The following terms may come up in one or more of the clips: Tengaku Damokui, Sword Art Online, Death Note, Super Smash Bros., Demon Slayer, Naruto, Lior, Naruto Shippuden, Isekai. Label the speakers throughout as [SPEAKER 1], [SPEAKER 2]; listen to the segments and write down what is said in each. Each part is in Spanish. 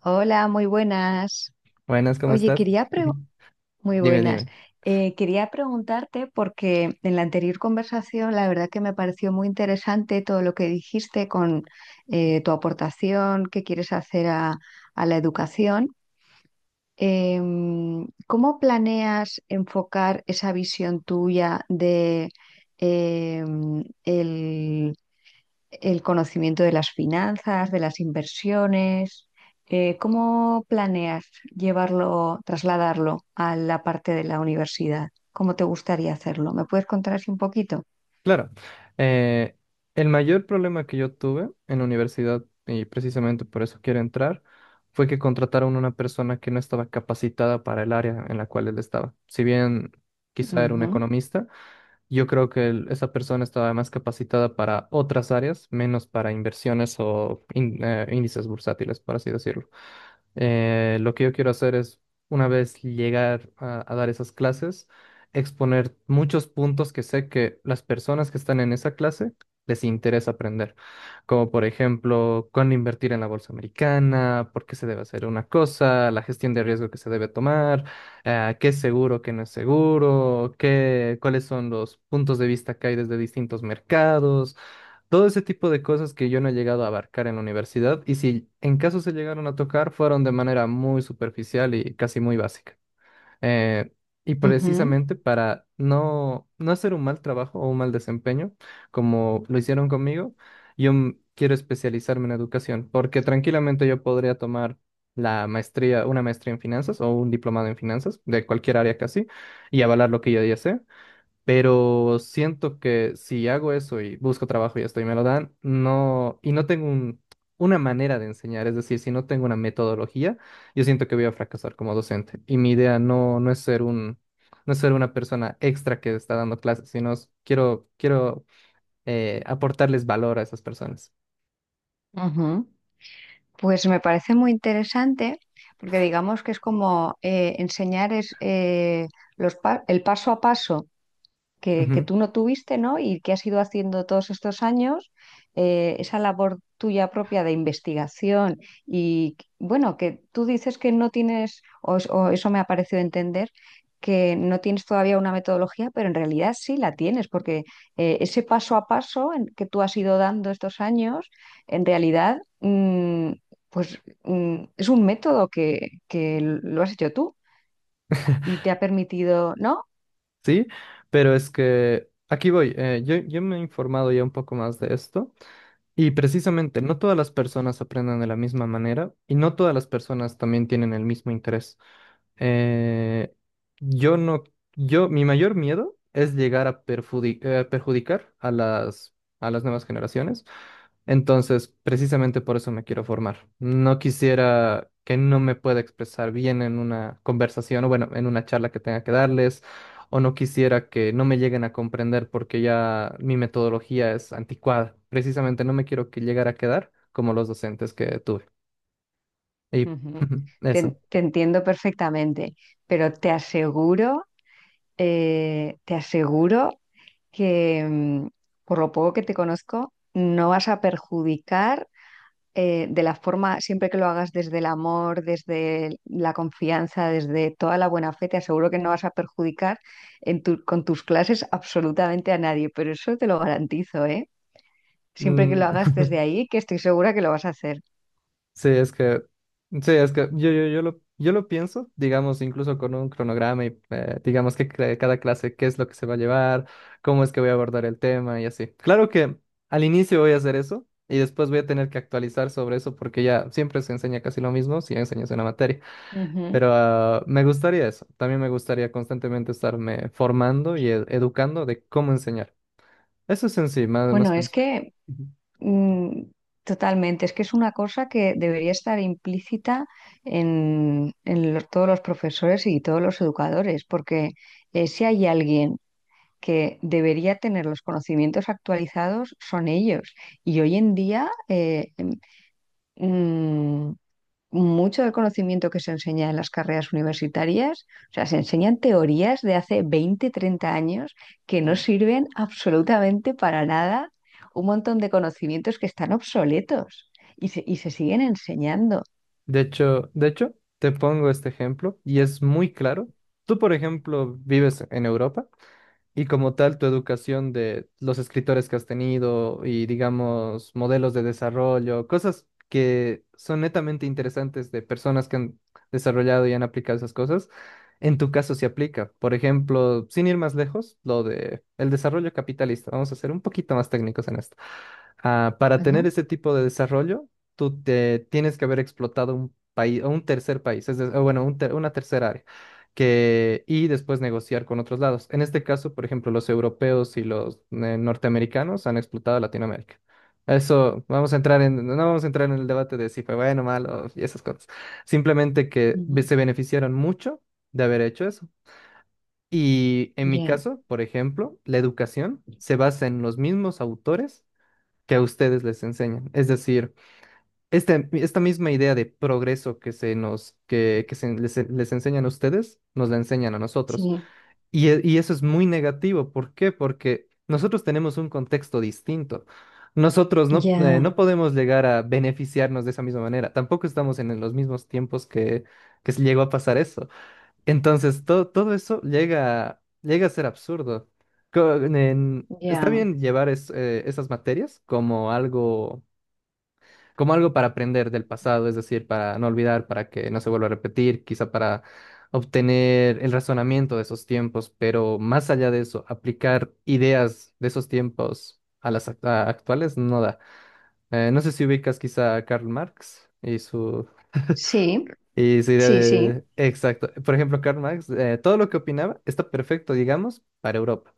[SPEAKER 1] Hola, muy buenas.
[SPEAKER 2] Buenas, ¿cómo
[SPEAKER 1] Oye,
[SPEAKER 2] estás?
[SPEAKER 1] muy
[SPEAKER 2] Dime,
[SPEAKER 1] buenas.
[SPEAKER 2] dime.
[SPEAKER 1] Quería preguntarte porque en la anterior conversación la verdad que me pareció muy interesante todo lo que dijiste con tu aportación que quieres hacer a la educación. ¿Cómo planeas enfocar esa visión tuya de em, el el conocimiento de las finanzas, de las inversiones? ¿Cómo planeas llevarlo, trasladarlo a la parte de la universidad? ¿Cómo te gustaría hacerlo? ¿Me puedes contar así un poquito?
[SPEAKER 2] Claro, eh, el mayor problema que yo tuve en la universidad, y precisamente por eso quiero entrar, fue que contrataron una persona que no estaba capacitada para el área en la cual él estaba. Si bien quizá era un
[SPEAKER 1] Ujú,
[SPEAKER 2] economista, yo creo que esa persona estaba más capacitada para otras áreas, menos para inversiones o índices bursátiles, por así decirlo. Lo que yo quiero hacer es, una vez llegar a dar esas clases, exponer muchos puntos que sé que las personas que están en esa clase les interesa aprender, como por ejemplo, cuándo invertir en la bolsa americana, por qué se debe hacer una cosa, la gestión de riesgo que se debe tomar, qué es seguro, qué no es seguro, cuáles son los puntos de vista que hay desde distintos mercados. Todo ese tipo de cosas que yo no he llegado a abarcar en la universidad y si en caso se llegaron a tocar fueron de manera muy superficial y casi muy básica. Eh, y
[SPEAKER 1] ujú,
[SPEAKER 2] precisamente para no hacer un mal trabajo o un mal desempeño, como lo hicieron conmigo, quiero especializarme en educación porque tranquilamente yo podría tomar la maestría, una maestría en finanzas o un diplomado en finanzas de cualquier área casi y avalar lo que yo ya sé. Pero siento que si hago eso y busco trabajo y esto y me lo dan, no, y no tengo una manera de enseñar, es decir, si no tengo una metodología, yo siento que voy a fracasar como docente. Y mi idea no es ser no es ser una persona extra que está dando clases, sino quiero aportarles valor a esas personas.
[SPEAKER 1] ujú. Pues me parece muy interesante porque digamos que es como enseñar es, el paso a paso que
[SPEAKER 2] Ujú.
[SPEAKER 1] tú no tuviste, ¿no? Y que has ido haciendo todos estos años, esa labor tuya propia de investigación y, bueno, que tú dices que no tienes, o, o eso me ha parecido entender, que no tienes todavía una metodología, pero en realidad sí la tienes, porque ese paso a paso en que tú has ido dando estos años, en realidad, es un método que lo has hecho tú. Y te ha permitido, ¿no?
[SPEAKER 2] Sí, pero es que aquí voy. Yo me he informado ya un poco más de esto. Y precisamente, no todas las personas aprenden de la misma manera y no todas las personas también tienen el mismo interés. Eh, yo no, yo, mi mayor miedo es llegar a perjudicar a a las nuevas generaciones, entonces, precisamente por eso me quiero formar. No quisiera que no me pueda expresar bien en una conversación o bueno, en una charla que tenga que darles, o no quisiera que no me lleguen a comprender porque ya mi metodología es anticuada. Precisamente no me quiero que llegara a quedar como los docentes que tuve. Y
[SPEAKER 1] Ujú. Te,
[SPEAKER 2] eso.
[SPEAKER 1] te entiendo perfectamente, pero te aseguro que por lo poco que te conozco, no vas a perjudicar de la forma, siempre que lo hagas desde el amor, la confianza, desde toda la buena fe, te aseguro que no vas a perjudicar con tus clases absolutamente a nadie, pero eso te lo garantizo, ¿eh? Siempre que lo
[SPEAKER 2] Mm.
[SPEAKER 1] hagas desde ahí, que estoy segura que lo vas a hacer.
[SPEAKER 2] Sí, es que, sí, es que yo lo pienso, digamos, incluso con un cronograma y digamos que cada clase, qué es lo que se va a llevar, cómo es que voy a abordar el tema y así. Claro que al inicio voy a hacer eso y después voy a tener que actualizar sobre eso porque ya siempre se enseña casi lo mismo si enseñas una materia.
[SPEAKER 1] Ujú.
[SPEAKER 2] Pero me gustaría eso, también me gustaría constantemente estarme formando y educando de cómo enseñar. Eso es en sí, más
[SPEAKER 1] Bueno,
[SPEAKER 2] que un
[SPEAKER 1] es
[SPEAKER 2] sueño.
[SPEAKER 1] que...
[SPEAKER 2] Ujú.
[SPEAKER 1] Mm, totalmente. Es que es una cosa que debería estar implícita en todos los profesores y todos los educadores, porque si hay alguien que debería tener los conocimientos actualizados, son ellos. Y hoy en día, mm, mucho del conocimiento que se enseña en las carreras universitarias, o sea, se enseñan teorías de hace 20, 30 años que no
[SPEAKER 2] Sí.
[SPEAKER 1] sirven absolutamente para nada, un montón de conocimientos que están obsoletos y se siguen enseñando.
[SPEAKER 2] De hecho, te pongo este ejemplo y es muy claro. Tú, por ejemplo, vives en Europa. Y como tal, tu educación de los escritores que has tenido y, digamos, modelos de desarrollo, cosas que son netamente interesantes de personas que han desarrollado y han aplicado esas cosas, en tu caso se aplica. Por ejemplo, sin ir más lejos, lo de el desarrollo capitalista. Vamos a ser un poquito más técnicos en esto. Para
[SPEAKER 1] Ajá.
[SPEAKER 2] tener ese tipo de desarrollo, tú te tienes que haber explotado un país o un tercer país, o bueno, una tercera área que, y después negociar con otros lados. En este caso, por ejemplo, los europeos y los norteamericanos han explotado Latinoamérica. Eso, vamos a entrar en, no vamos a entrar en el debate de si fue bueno, malo y esas cosas. Simplemente que
[SPEAKER 1] Ujú.
[SPEAKER 2] se beneficiaron mucho de haber hecho eso. Y en mi
[SPEAKER 1] Ya,
[SPEAKER 2] caso, por ejemplo, la educación se basa en los mismos autores que a ustedes les enseñan. Es decir, esta misma idea de progreso que que se les enseñan a ustedes, nos la enseñan a nosotros.
[SPEAKER 1] sí,
[SPEAKER 2] Y, y eso es muy negativo. ¿Por qué? Porque nosotros tenemos un contexto distinto. Nosotros no,
[SPEAKER 1] ya,
[SPEAKER 2] no podemos llegar a beneficiarnos de esa misma manera. Tampoco estamos en los mismos tiempos que se llegó a pasar eso. Entonces, todo eso llega a ser absurdo. Está
[SPEAKER 1] ya,
[SPEAKER 2] bien llevar esas materias como algo, como algo para aprender del pasado, es decir, para no olvidar, para que no se vuelva a repetir, quizá para obtener el razonamiento de esos tiempos, pero más allá de eso, aplicar ideas de esos tiempos a las a actuales no da. No sé si ubicas quizá a Karl Marx y su...
[SPEAKER 1] sí,
[SPEAKER 2] y su idea
[SPEAKER 1] sí, sí,
[SPEAKER 2] de... Exacto. Por ejemplo, Karl Marx, todo lo que opinaba está perfecto, digamos, para Europa,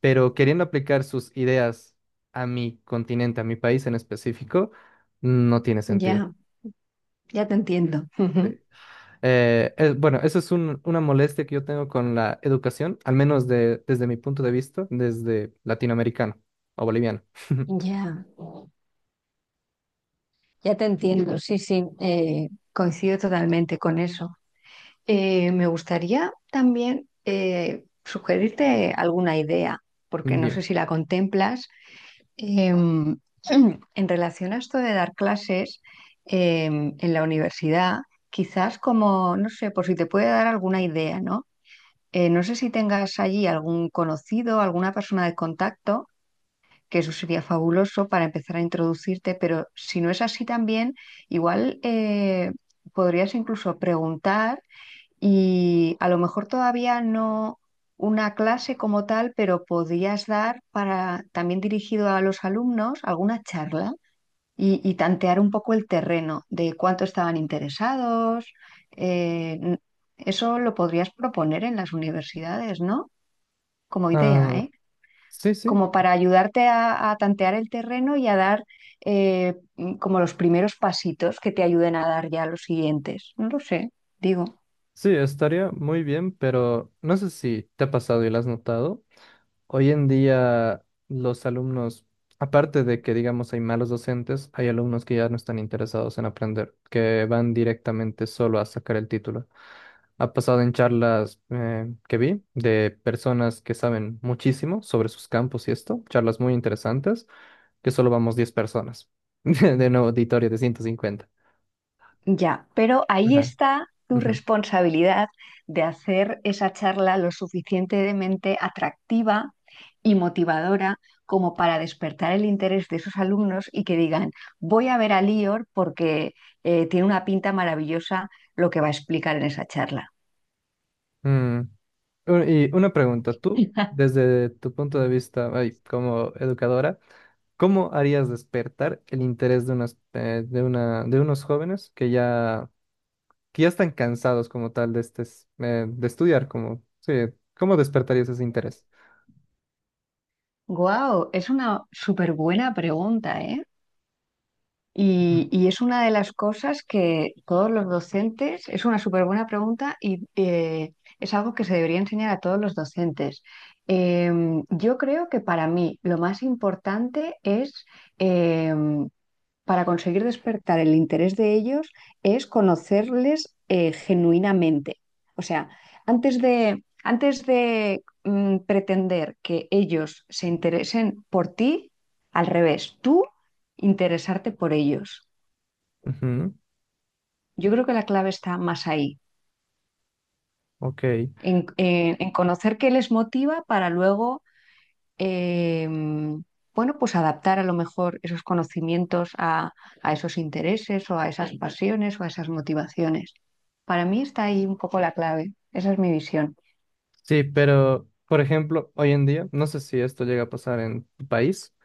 [SPEAKER 2] pero queriendo aplicar sus ideas a mi continente, a mi país en específico, no tiene sentido.
[SPEAKER 1] ya, ya te entiendo. Ujú.
[SPEAKER 2] Bueno, eso es una molestia que yo tengo con la educación, al menos desde mi punto de vista, desde latinoamericano o boliviano.
[SPEAKER 1] Ya, ya te entiendo, sí, sí, coincido totalmente con eso. Me gustaría también sugerirte alguna idea, porque no
[SPEAKER 2] Dime.
[SPEAKER 1] sé si la contemplas, em, en relación a esto de dar clases en la universidad, quizás como, no sé, por si te puede dar alguna idea, ¿no? No sé si tengas allí algún conocido, alguna persona de contacto, que eso sería fabuloso para empezar a introducirte, pero si no es así también, igual podrías incluso preguntar y a lo mejor todavía no una clase como tal, pero podrías dar para también dirigido a los alumnos alguna charla y tantear un poco el terreno de cuánto estaban interesados. eh, n- Eso lo podrías proponer en las universidades, ¿no? Como idea,
[SPEAKER 2] Ah,
[SPEAKER 1] ¿eh?
[SPEAKER 2] sí, sí,
[SPEAKER 1] Como para ayudarte a tantear el terreno y a dar eh, como los primeros pasitos que te ayuden a dar ya los siguientes. No lo sé, digo.
[SPEAKER 2] sí, estaría muy bien, pero no sé si te ha pasado y lo has notado. Hoy en día los alumnos, aparte de que digamos hay malos docentes, hay alumnos que ya no están interesados en aprender, que van directamente solo a sacar el título. Ha pasado en charlas que vi de personas que saben muchísimo sobre sus campos y esto, charlas muy interesantes, que solo vamos 10 personas de un auditorio de 150.
[SPEAKER 1] Ya, pero ahí
[SPEAKER 2] Ajá.
[SPEAKER 1] está tu
[SPEAKER 2] Ujú.
[SPEAKER 1] responsabilidad de hacer esa charla lo suficientemente atractiva y motivadora como para despertar el interés de esos alumnos y que digan, voy a ver a Lior porque tiene una pinta maravillosa lo que va a explicar en esa charla.
[SPEAKER 2] Mm. Y una pregunta, tú, desde tu punto de vista, ay, como educadora, ¿cómo harías despertar el interés de de unos jóvenes que ya están cansados como tal de de estudiar, como, sí, ¿cómo despertarías ese interés?
[SPEAKER 1] Guau, es una súper buena pregunta, ¿eh? Y es una de las cosas que todos los docentes, es una súper buena pregunta y es algo que se debería enseñar a todos los docentes. Yo creo que para mí lo más importante es em, para conseguir despertar el interés de ellos es conocerles genuinamente. O sea, antes de pretender que ellos se interesen por ti, al revés, tú interesarte por ellos.
[SPEAKER 2] Ujú.
[SPEAKER 1] Yo creo que la clave está más ahí,
[SPEAKER 2] Ok,
[SPEAKER 1] en conocer qué les motiva para luego eh, bueno, pues adaptar a lo mejor esos conocimientos a esos intereses o a esas pasiones o a esas motivaciones. Para mí está ahí un poco la clave, esa es mi visión.
[SPEAKER 2] sí, pero por ejemplo, hoy en día, no sé si esto llega a pasar en tu país,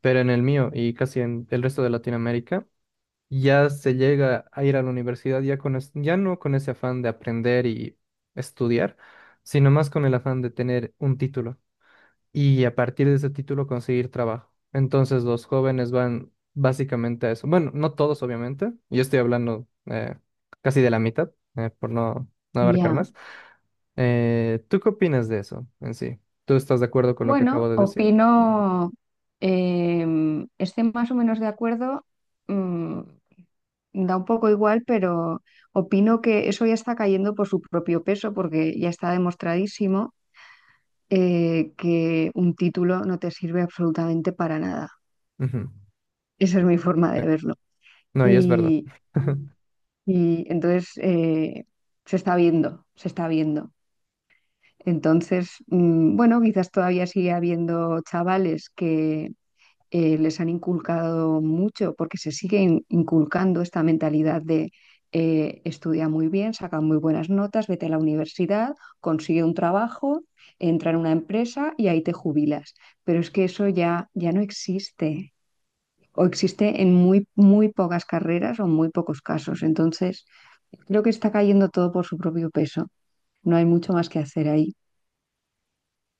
[SPEAKER 2] pero en el mío y casi en el resto de Latinoamérica, ya se llega a ir a la universidad ya con ya no con ese afán de aprender y estudiar, sino más con el afán de tener un título y a partir de ese título conseguir trabajo. Entonces los jóvenes van básicamente a eso. Bueno, no todos obviamente, yo estoy hablando casi de la mitad, por no abarcar
[SPEAKER 1] Ya,
[SPEAKER 2] más. ¿Tú qué opinas de eso en sí? ¿Tú estás de acuerdo con lo que acabo
[SPEAKER 1] bueno,
[SPEAKER 2] de decir?
[SPEAKER 1] opino, estoy más o menos de acuerdo, mm, da un poco igual, pero opino que eso ya está cayendo por su propio peso, porque ya está demostradísimo que un título no te sirve absolutamente para nada.
[SPEAKER 2] Ujú.
[SPEAKER 1] Esa es mi forma de
[SPEAKER 2] Eh,
[SPEAKER 1] verlo.
[SPEAKER 2] No, y es verdad.
[SPEAKER 1] Y, y entonces se está viendo, se está viendo. Entonces, bueno, quizás todavía sigue habiendo chavales que les han inculcado mucho, porque se sigue inculcando esta mentalidad de estudia muy bien, saca muy buenas notas, vete a la universidad, consigue un trabajo, entra en una empresa y ahí te jubilas. Pero es que eso ya, ya no existe o existe en muy, muy pocas carreras o muy pocos casos. Entonces, creo que está cayendo todo por su propio peso. No hay mucho más que hacer ahí.